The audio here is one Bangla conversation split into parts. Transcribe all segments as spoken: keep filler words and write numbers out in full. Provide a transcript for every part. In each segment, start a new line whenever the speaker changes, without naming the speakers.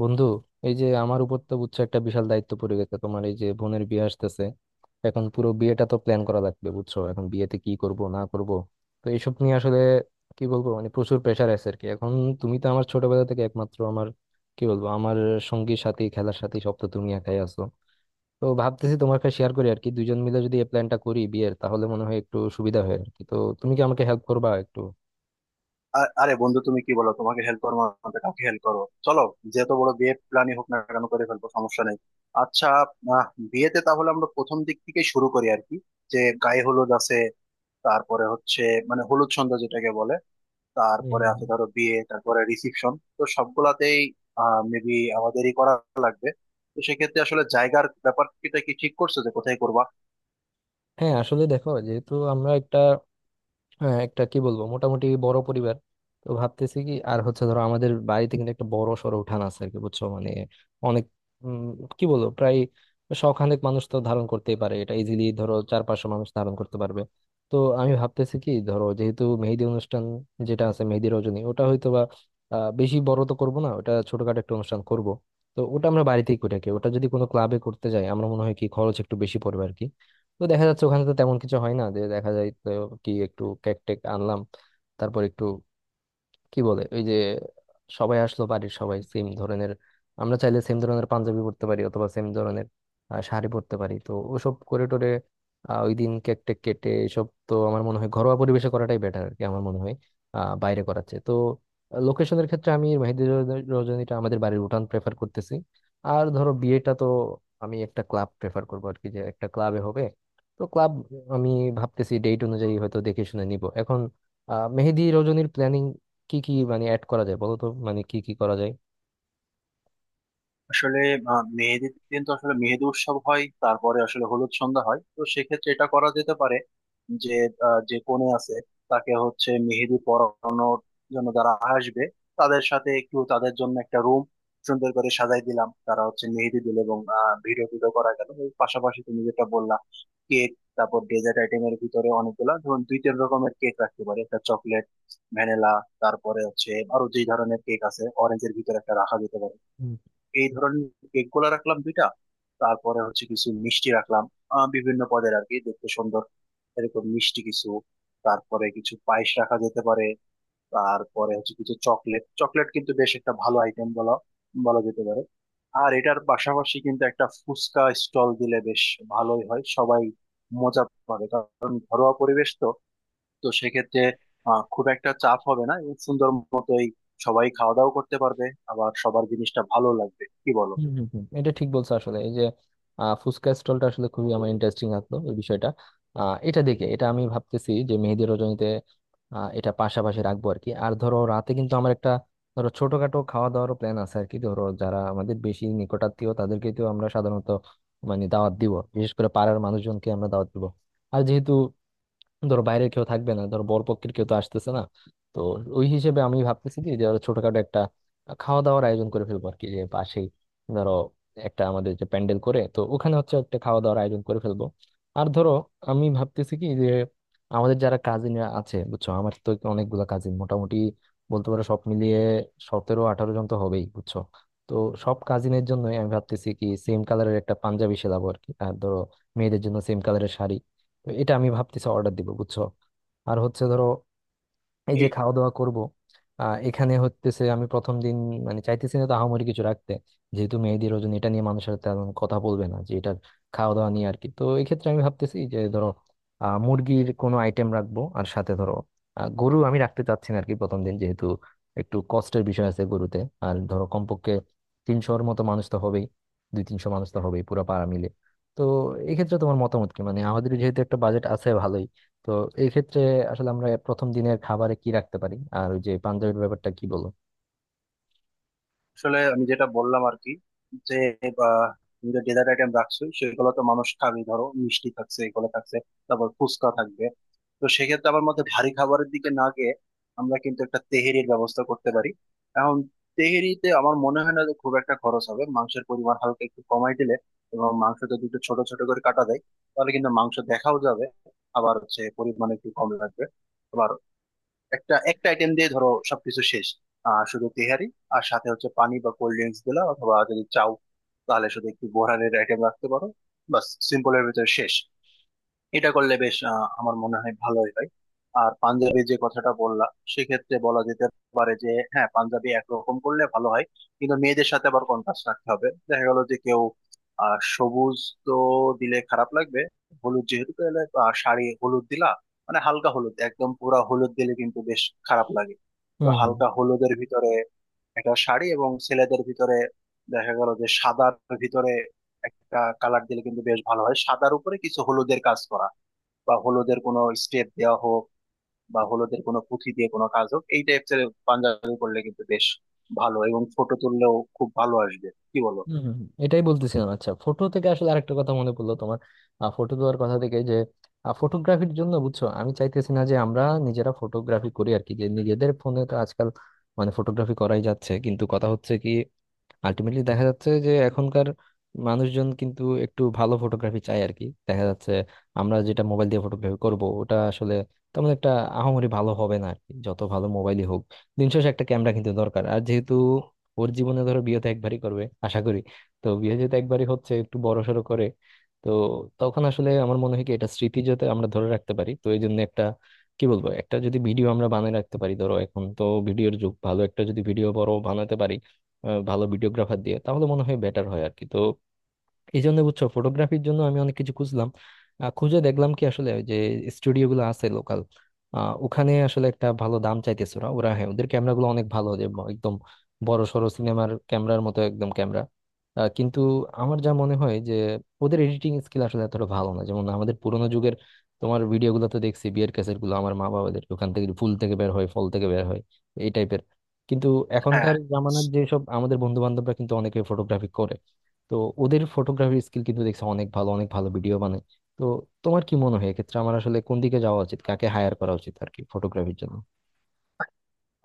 বন্ধু, এই যে আমার উপর তো বুঝছো একটা বিশাল দায়িত্ব পড়ে গেছে। তোমার এই যে বোনের বিয়ে আসতেছে, এখন পুরো বিয়েটা তো প্ল্যান করা লাগবে বুঝছো, এখন বিয়েতে কি করব না করব। তো এইসব নিয়ে আসলে কি বলবো, মানে প্রচুর প্রেশার আছে আর কি এখন। তুমি তো আমার ছোটবেলা থেকে একমাত্র আমার, কি বলবো, আমার সঙ্গী সাথী, খেলার সাথী, সব তো তুমি একাই আছো। তো ভাবতেছি তোমার কাছে শেয়ার করি আর কি, দুইজন মিলে যদি এই প্ল্যানটা করি বিয়ের তাহলে মনে হয় একটু সুবিধা হয় আর কি। তো তুমি কি আমাকে হেল্প করবা একটু?
আ- আরে বন্ধু, তুমি কি বলো? তোমাকে হেল্প করবো না তো কাকে হেল্প করবো? চলো, যত বড় বিয়ে প্ল্যানই হোক না কেন করে ফেলবো, সমস্যা নেই। আচ্ছা। আহ, বিয়েতে তাহলে আমরা প্রথম দিক থেকে শুরু করি আর কি, যে গায়ে হলুদ আছে, তারপরে হচ্ছে মানে হলুদ সন্ধ্যা যেটাকে বলে,
হুম
তারপরে
হুম হুম।
আছে ধরো বিয়ে, তারপরে রিসিপশন। তো সবগুলাতেই আহ মেবি আমাদেরই করা লাগবে। তো সেক্ষেত্রে আসলে জায়গার ব্যাপারটা কি ঠিক করছো, যে কোথায় করবা?
হ্যাঁ, আসলে দেখো, যেহেতু আমরা একটা, হ্যাঁ একটা কি বলবো মোটামুটি বড় পরিবার। তো ভাবতেছি কি আর হচ্ছে ধরো আমাদের বাড়িতে কিন্তু একটা বড় সড়ো উঠান আছে আর কি, বুঝছো, মানে অনেক, উম, কি বলবো প্রায় শখানেক মানুষ তো ধারণ করতেই পারে, এটা ইজিলি ধরো চার পাঁচশো মানুষ ধারণ করতে পারবে। তো আমি ভাবতেছি কি ধরো যেহেতু মেহেদি অনুষ্ঠান যেটা আছে মেহেদি রজনী, ওটা হয়তো বা আহ, বেশি বড় তো করবো না, ওটা ছোটখাটো একটা অনুষ্ঠান করব। তো ওটা আমরা বাড়িতেই করে থাকি, ওটা যদি কোনো ক্লাবে করতে যাই আমরা মনে হয় কি খরচ একটু বেশি পড়বে আর কি। তো দেখা যাচ্ছে ওখানে তো তেমন কিছু হয় না, যে দেখা যায় তো কি একটু কেক টেক আনলাম, তারপর একটু, কি বলে ওই যে সবাই আসলো বাড়ির সবাই সেম ধরনের, আমরা চাইলে সেম ধরনের পাঞ্জাবি পরতে পারি অথবা সেম ধরনের আহ, শাড়ি পরতে পারি, তো ওসব করে টোরে আহ, ওই দিন কেক টেক কেটে এসব তো আমার মনে হয় ঘরোয়া পরিবেশে করাটাই বেটার আর কি, আমার মনে হয় আহ বাইরে করাচ্ছে তো। লোকেশনের ক্ষেত্রে আমি মেহেদি রজ- রজনীটা আমাদের বাড়ির উঠান প্রেফার করতেছি। আর ধরো বিয়েটা তো আমি একটা ক্লাব প্রেফার করবো আর কি, যে একটা ক্লাবে হবে। তো ক্লাব, আমি ভাবতেছি ডেট অনুযায়ী হয়তো দেখে শুনে নিব এখন। আহ মেহেদি রজনীর প্ল্যানিং কি কি মানে অ্যাড করা যায় বলো তো, মানে কি কি করা যায়?
আসলে আহ, মেহেদির দিন তো আসলে মেহেদি উৎসব হয়, তারপরে আসলে হলুদ সন্ধ্যা হয়। তো সেক্ষেত্রে এটা করা যেতে পারে যে আহ, যে কনে আছে তাকে হচ্ছে মেহেদি পরানোর জন্য যারা আসবে তাদের সাথে, একটু তাদের জন্য একটা রুম সুন্দর করে সাজাই দিলাম, তারা হচ্ছে মেহেদি দিল এবং ভিডিও টিডিও করা গেল। এর পাশাপাশি তুমি যেটা বললা, কেক। তারপর ডেজার্ট আইটেমের ভিতরে অনেকগুলা, ধরুন দুই তিন রকমের কেক রাখতে পারি, একটা চকলেট, ভ্যানিলা, তারপরে হচ্ছে আরো যেই ধরনের কেক আছে অরেঞ্জের ভিতরে একটা রাখা যেতে পারে।
হুম
এই ধরনের কেক গুলা রাখলাম দুইটা। তারপরে হচ্ছে কিছু মিষ্টি রাখলাম, আহ, বিভিন্ন পদের আর কি, দেখতে সুন্দর এরকম মিষ্টি কিছু। তারপরে কিছু পায়েস রাখা যেতে পারে। তারপরে হচ্ছে কিছু চকলেট, চকলেট কিন্তু বেশ একটা ভালো আইটেম বলা বলা যেতে পারে। আর এটার পাশাপাশি কিন্তু একটা ফুচকা স্টল দিলে বেশ ভালোই হয়, সবাই মজা পাবে, কারণ ঘরোয়া পরিবেশ তো। তো সেক্ষেত্রে আহ, খুব একটা চাপ হবে না এবং সুন্দর মতোই সবাই খাওয়া দাওয়া করতে পারবে, আবার সবার জিনিসটা ভালো লাগবে, কি বলো?
হুম হুম হুম। এটা ঠিক বলছো, আসলে এই যে আহ, ফুচকা স্টলটা আসলে খুবই আমার ইন্টারেস্টিং লাগলো এই বিষয়টা। আহ, এটা দেখে এটা আমি ভাবতেছি যে মেহেদি রজনীতে আহ, এটা পাশাপাশি রাখবো আর কি। আর ধরো রাতে কিন্তু আমার একটা, ধরো ছোটখাটো খাওয়া দাওয়ারও প্ল্যান আছে আর কি। ধরো যারা আমাদের বেশি নিকটাত্মীয় তাদেরকে তো আমরা সাধারণত মানে দাওয়াত দিব, বিশেষ করে পাড়ার মানুষজনকে আমরা দাওয়াত দিব। আর যেহেতু ধরো বাইরের কেউ থাকবে না, ধরো বরপক্ষের কেউ তো আসতেছে না, তো ওই হিসেবে আমি ভাবতেছি কি যে ধরো ছোটখাটো একটা খাওয়া দাওয়ার আয়োজন করে ফেলবো আর কি, যে পাশেই ধরো একটা আমাদের যে প্যান্ডেল করে, তো ওখানে হচ্ছে একটা খাওয়া দাওয়ার আয়োজন করে ফেলবো। আর ধরো আমি ভাবতেছি কি যে আমাদের যারা কাজিনরা আছে বুঝছো, আমার তো অনেকগুলো কাজিন, মোটামুটি বলতে পারো সব মিলিয়ে সতেরো আঠারো জন তো হবেই বুঝছো। তো সব কাজিনের জন্য আমি ভাবতেছি কি সেম কালারের একটা পাঞ্জাবি সেলাবো আর কি, আর ধরো মেয়েদের জন্য সেম কালারের শাড়ি। তো এটা আমি ভাবতেছি অর্ডার দিব বুঝছো। আর হচ্ছে ধরো এই যে
এই
খাওয়া দাওয়া করব, আহ এখানে হতেছে আমি প্রথম দিন মানে চাইতেছি না তো আহামরি কিছু রাখতে, যেহেতু মেহেদি রজনী এটা নিয়ে মানুষের সাথে তেমন কথা বলবে না যে এটার খাওয়া দাওয়া নিয়ে আর কি। তো এই ক্ষেত্রে আমি ভাবতেছি যে ধরো আহ মুরগির কোনো আইটেম রাখবো আর সাথে ধরো আহ, গরু আমি রাখতে চাচ্ছি না আর কি প্রথম দিন, যেহেতু একটু কষ্টের বিষয় আছে গরুতে। আর ধরো কমপক্ষে তিনশোর মতো মানুষ তো হবেই, দুই তিনশো মানুষ তো হবেই পুরো পাড়া মিলে। তো এক্ষেত্রে তোমার মতামত কি, মানে আমাদের যেহেতু একটা বাজেট আছে ভালোই, তো এই ক্ষেত্রে আসলে আমরা প্রথম দিনের খাবারে কি রাখতে পারি আর ওই যে পাঞ্জাবির ব্যাপারটা কি বলো?
আসলে আমি যেটা বললাম আর কি, যে বা তুমি যে ডেজার্ট আইটেম রাখছো সেগুলো তো মানুষ খাবে, ধরো মিষ্টি থাকছে, এগুলো থাকছে, তারপর ফুচকা থাকবে। তো সেক্ষেত্রে আমার মতে ভারী খাবারের দিকে না গিয়ে আমরা কিন্তু একটা তেহেরির ব্যবস্থা করতে পারি। এখন তেহেরিতে আমার মনে হয় না যে খুব একটা খরচ হবে, মাংসের পরিমাণ হালকা একটু কমাই দিলে, এবং মাংস যদি একটু ছোট ছোট করে কাটা যায় তাহলে কিন্তু মাংস দেখাও যাবে, আবার হচ্ছে পরিমাণ একটু কম লাগবে। আবার একটা একটা আইটেম দিয়ে ধরো সবকিছু শেষ, আহ শুধু তেহারি। আর সাথে হচ্ছে পানি বা কোল্ড ড্রিঙ্কস দিলা, অথবা যদি চাও তাহলে শুধু একটু বোরহানের আইটেম রাখতে পারো, বাস সিম্পলের ভিতরে শেষ। এটা করলে বেশ আহ, আমার মনে হয় ভালোই হয়। আর পাঞ্জাবি যে কথাটা বললা, সেক্ষেত্রে বলা যেতে পারে যে হ্যাঁ পাঞ্জাবি একরকম করলে ভালো হয়, কিন্তু মেয়েদের সাথে আবার কন্ট্রাস্ট রাখতে হবে। দেখা গেল যে কেউ আহ সবুজ তো দিলে খারাপ লাগবে। হলুদ যেহেতু, তাহলে আহ, শাড়ি হলুদ দিলা মানে হালকা হলুদ, একদম পুরা হলুদ দিলে কিন্তু বেশ খারাপ লাগে। তো
হুম হুম
হালকা হলুদের ভিতরে একটা শাড়ি, এবং ছেলেদের ভিতরে দেখা গেল যে সাদার ভিতরে একটা কালার দিলে কিন্তু বেশ ভালো হয়, সাদার উপরে কিছু হলুদের কাজ করা বা হলোদের কোনো স্টেপ দেওয়া হোক বা হলোদের কোনো পুঁথি দিয়ে কোনো কাজ হোক, এই টাইপের পাঞ্জাবি করলে কিন্তু বেশ ভালো এবং ফটো তুললেও খুব ভালো আসবে, কি বলো?
হুম। হুম, হুম, এটাই বলতেছিলাম। আচ্ছা, ফটো থেকে আসলে আরেকটা কথা মনে পড়লো, তোমার ফটো দেওয়ার কথা থেকে যে ফটোগ্রাফির জন্য বুঝছো আমি চাইতেছি না যে আমরা নিজেরা ফটোগ্রাফি করি আর কি, যে নিজেদের ফোনে তো আজকাল মানে ফটোগ্রাফি করাই যাচ্ছে, কিন্তু কথা হচ্ছে কি আলটিমেটলি দেখা যাচ্ছে যে এখনকার মানুষজন কিন্তু একটু ভালো ফটোগ্রাফি চায় আর কি। দেখা যাচ্ছে আমরা যেটা মোবাইল দিয়ে ফটোগ্রাফি করব ওটা আসলে তেমন একটা আহামরি ভালো হবে না আর কি, যত ভালো মোবাইলই হোক দিন শেষে একটা ক্যামেরা কিন্তু দরকার। আর যেহেতু ওর জীবনে ধরো বিয়ে তো একবারই করবে আশা করি, তো বিয়ে যেহেতু একবারই হচ্ছে একটু বড় সড়ো করে, তো তখন আসলে আমার মনে হয় কি এটা স্মৃতি যাতে আমরা ধরে রাখতে পারি, তো এই জন্য একটা, কি বলবো, একটা যদি ভিডিও আমরা বানিয়ে রাখতে পারি। ধরো এখন তো ভিডিওর যুগ, ভালো একটা যদি ভিডিও বড় বানাতে পারি আহ, ভালো ভিডিওগ্রাফার দিয়ে তাহলে মনে হয় বেটার হয় আর কি। তো এই জন্য বুঝছো ফটোগ্রাফির জন্য আমি অনেক কিছু খুঁজলাম, আহ, খুঁজে দেখলাম কি আসলে ওই যে স্টুডিও গুলো আছে লোকাল, ওখানে আসলে একটা ভালো দাম চাইতেছে। ওরা ওরা হ্যাঁ ওদের ক্যামেরা গুলো অনেক ভালো, যে ব- একদম বড় সড়ো সিনেমার ক্যামেরার মতো একদম ক্যামেরা। কিন্তু আমার যা মনে হয় যে ওদের এডিটিং স্কিল আসলে এতটা ভালো না, যেমন আমাদের পুরোনো যুগের তোমার ভিডিও গুলো তো দেখছি, বিয়ের ক্যাসেট গুলো আমার মা বাবাদের, ওখান থেকে ফুল থেকে বের হয় ফল থেকে বের হয় এই টাইপের। কিন্তু
হ্যাঁ।
এখনকার জামানার যেসব আমাদের বন্ধু বান্ধবরা কিন্তু অনেকে ফটোগ্রাফি করে, তো ওদের ফটোগ্রাফি স্কিল কিন্তু দেখছি অনেক ভালো, অনেক ভালো ভিডিও বানায়। তো তোমার কি মনে হয় এক্ষেত্রে আমার আসলে কোন দিকে যাওয়া উচিত, কাকে হায়ার করা উচিত আর কি ফটোগ্রাফির জন্য?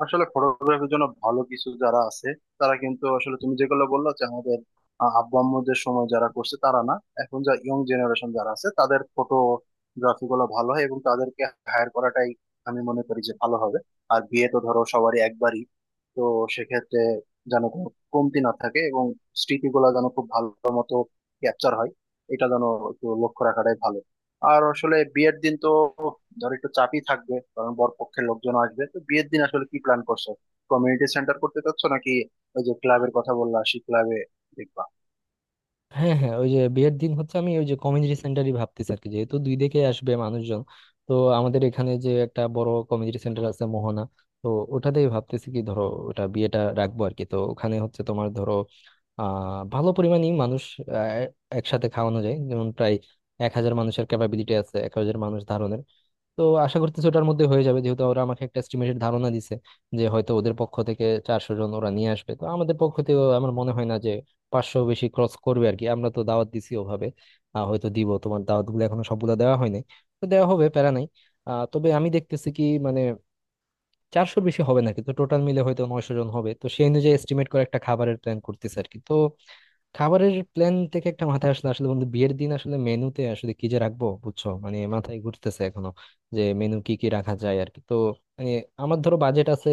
আসলে ফটোগ্রাফির জন্য ভালো কিছু যারা আছে তারা কিন্তু আসলে তুমি যেগুলো বললো যে আমাদের আহ, আব্বু আম্মুদের সময় যারা করছে তারা না, এখন যা ইয়ং জেনারেশন যারা আছে তাদের ফটোগ্রাফি গুলো ভালো হয় এবং তাদেরকে হায়ার করাটাই আমি মনে করি যে ভালো হবে। আর বিয়ে তো ধরো সবারই একবারই। তো সেক্ষেত্রে যেন কোনো কমতি না থাকে এবং স্মৃতিগুলো যেন খুব ভালো মতো ক্যাপচার হয়, এটা যেন একটু লক্ষ্য রাখাটাই ভালো। আর আসলে বিয়ের দিন তো ধর একটু চাপই থাকবে, কারণ বরপক্ষের লোকজন আসবে। তো বিয়ের দিন আসলে কি প্ল্যান করছো, কমিউনিটি সেন্টার করতে চাচ্ছ নাকি ওই যে ক্লাবের কথা বললা সেই ক্লাবে দেখবা?
হ্যাঁ হ্যাঁ, ওই যে বিয়ের দিন হচ্ছে আমি ওই যে কমিউনিটি সেন্টারই ভাবতেছি আর কি, যেহেতু দুই দিকে আসবে মানুষজন। তো আমাদের এখানে যে একটা বড় কমিউনিটি সেন্টার আছে মোহনা, তো ওটাতেই ভাবতেছি কি ধরো ওটা বিয়েটা রাখবো আর কি। তো ওখানে হচ্ছে তোমার ধরো আহ ভালো পরিমাণই মানুষ আহ, একসাথে খাওয়ানো যায়, যেমন প্রায় এক হাজার মানুষের ক্যাপাবিলিটি আছে, এক হাজার মানুষ ধারণের। তো আশা করতেছি ওটার মধ্যে হয়ে যাবে, যেহেতু ওরা আমাকে একটা এস্টিমেটেড ধারণা দিছে যে হয়তো ওদের পক্ষ থেকে চারশো জন ওরা নিয়ে আসবে, তো আমাদের পক্ষ থেকে আমার মনে হয় না যে পাঁচশো বেশি ক্রস করবে আর কি। আমরা তো দাওয়াত দিছি ওভাবে, আহ, হয়তো দিব, তোমার দাওয়াত গুলো এখনো সবগুলো দেওয়া হয়নি, তো দেওয়া হবে প্যারা নাই। আহ, তবে আমি দেখতেছি কি মানে চারশোর বেশি হবে না, কিন্তু টোটাল মিলে হয়তো নয়শো জন হবে, তো সেই অনুযায়ী এস্টিমেট করে একটা খাবারের প্ল্যান করতেছে আর কি। তো খাবারের প্ল্যান থেকে একটা মাথায় আসলে, আসলে বন্ধু বিয়ের দিন আসলে মেনুতে আসলে কি যে রাখবো বুঝছো, মানে মাথায় ঘুরতেছে এখনো যে মেনু কি কি রাখা যায় আর কি। তো মানে আমার ধরো বাজেট আছে,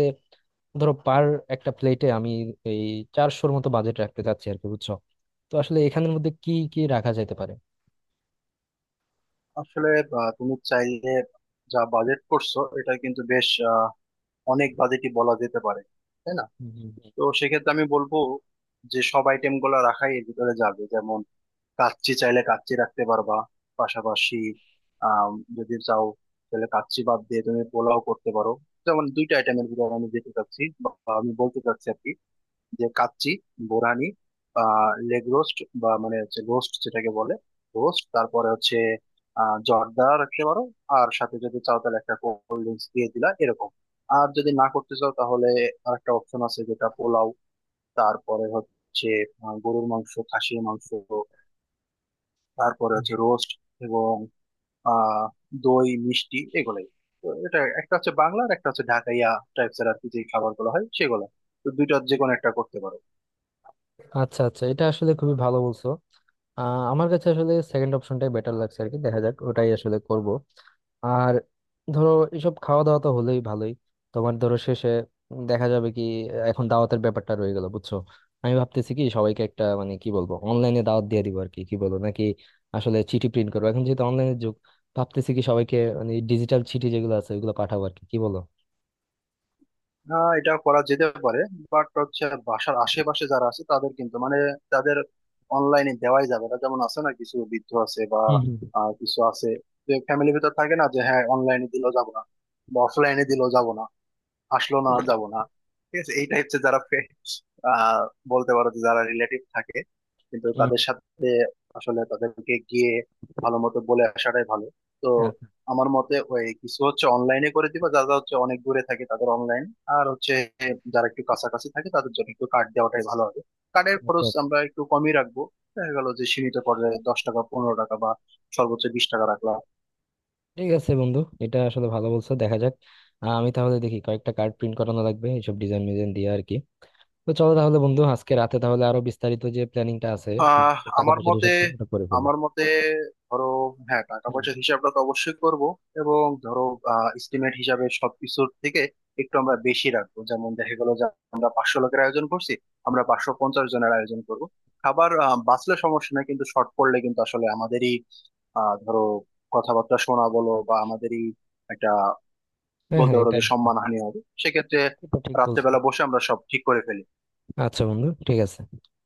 ধরো পার একটা প্লেটে আমি এই চারশোর মতো বাজেট রাখতে চাচ্ছি আর কি বুঝছো। তো আসলে এখানের মধ্যে কি কি রাখা যেতে পারে?
আসলে আহ, তুমি চাইলে, যা বাজেট করছো এটা কিন্তু বেশ আহ, অনেক বাজেটই বলা যেতে পারে, তাই না?
হুম, হুম,
তো সেক্ষেত্রে আমি বলবো যে সব আইটেম গুলা রাখাই এর ভিতরে যাবে। যেমন কাচ্চি, চাইলে কাচ্চি রাখতে পারবা, পাশাপাশি আম, যদি চাও তাহলে কাচ্চি বাদ দিয়ে তুমি পোলাও করতে পারো। যেমন দুইটা আইটেমের ভিতরে আমি যেতে চাচ্ছি বা আমি বলতে চাচ্ছি আর কি, যে কাচ্চি, বোরানি, আহ লেগ রোস্ট বা মানে হচ্ছে রোস্ট যেটাকে বলে, রোস্ট, তারপরে হচ্ছে আহ জর্দা রাখতে পারো। আর সাথে যদি চাও তাহলে একটা কোল্ড ড্রিঙ্কস দিয়ে দিলা এরকম। আর যদি না করতে চাও তাহলে আরেকটা অপশন আছে, যেটা পোলাও, তারপরে হচ্ছে আহ, গরুর মাংস, খাসির মাংস, তারপরে
হুম।
হচ্ছে রোস্ট এবং আহ দই মিষ্টি, এগুলাই। তো এটা একটা হচ্ছে বাংলার, একটা হচ্ছে ঢাকাইয়া টাইপস এর আর কি, যে খাবার গুলো হয় সেগুলো। তো দুইটার যে কোনো একটা করতে পারো।
আচ্ছা আচ্ছা, এটা আসলে খুবই ভালো বলছো। আহ, আমার কাছে আসলে সেকেন্ড অপশনটাই বেটার লাগছে আর কি, দেখা যাক ওটাই আসলে করব। আর ধরো এসব খাওয়া দাওয়া তো হলেই ভালোই, তোমার ধরো শেষে দেখা যাবে কি। এখন দাওয়াতের ব্যাপারটা রয়ে গেল বুঝছো, আমি ভাবতেছি কি সবাইকে একটা মানে কি বলবো অনলাইনে দাওয়াত দিয়ে দিব আর কি, কি বলবো নাকি আসলে চিঠি প্রিন্ট করবো। এখন যেহেতু অনলাইনের যুগ, ভাবতেছি কি সবাইকে মানে ডিজিটাল চিঠি যেগুলো আছে ওগুলো পাঠাবো আর কি, কি বলো?
আহ এটা করা যেতে পারে, বাট হচ্ছে বাসার আশেপাশে যারা আছে তাদের কিন্তু মানে তাদের অনলাইনে দেওয়াই যাবে না। যেমন আছে না কিছু বৃদ্ধ আছে বা
হুম হুম।
আহ, কিছু আছে যে ফ্যামিলির ভিতর থাকে না, যে হ্যাঁ অনলাইনে দিলেও যাবো না বা অফলাইনে দিলেও যাবো না, আসলো না যাব না, ঠিক আছে। এইটা হচ্ছে যারা ফে- আহ বলতে পারো যে যারা রিলেটিভ থাকে, কিন্তু
উম,
তাদের সাথে আসলে তাদেরকে গিয়ে ভালো মতো বলে আসাটাই ভালো। তো
আচ্ছা,
আমার মতে ওই কিছু হচ্ছে অনলাইনে করে দিবা, যারা হচ্ছে অনেক দূরে থাকে তাদের অনলাইন, আর হচ্ছে যারা একটু কাছাকাছি থাকে তাদের জন্য একটু কার্ড দেওয়াটাই ভালো হবে। কার্ডের খরচ
আচ্ছা,
আমরা একটু কমই রাখবো, দেখা গেল যে সীমিত পর্যায়ে দশ টাকা পনেরো টাকা বা সর্বোচ্চ বিশ টাকা রাখলাম।
ঠিক আছে বন্ধু, এটা আসলে ভালো বলছো, দেখা যাক। আহ, আমি তাহলে দেখি কয়েকটা কার্ড প্রিন্ট করানো লাগবে এইসব ডিজাইন মিজাইন দিয়ে আর কি। তো চলো তাহলে বন্ধু আজকে রাতে তাহলে আরো বিস্তারিত যে প্ল্যানিংটা আছে
আহ
টাকা
আমার
পয়সার
মতে
হিসাবটা ওটা করে ফেলি।
আমার মতে ধরো, হ্যাঁ টাকা
হুম।
পয়সার হিসাবটা তো অবশ্যই করব, এবং ধরো এস্টিমেট হিসাবে সবকিছুর থেকে একটু আমরা
হুম।
বেশি রাখবো। যেমন দেখা গেল যে আমরা পাঁচশো লোকের আয়োজন করছি, আমরা পাঁচশো পঞ্চাশ জনের আয়োজন করব। খাবার আহ, বাঁচলে সমস্যা নাই, কিন্তু শর্ট পড়লে কিন্তু আসলে আমাদেরই আহ ধরো কথাবার্তা শোনা, বলো বা আমাদেরই একটা
হ্যাঁ
বলতে
হ্যাঁ,
পারো
এটা
যে সম্মানহানি হবে। সেক্ষেত্রে
এটা ঠিক বলছো।
রাত্রেবেলা বসে আমরা সব ঠিক করে ফেলি।
আচ্ছা বন্ধু, ঠিক আছে।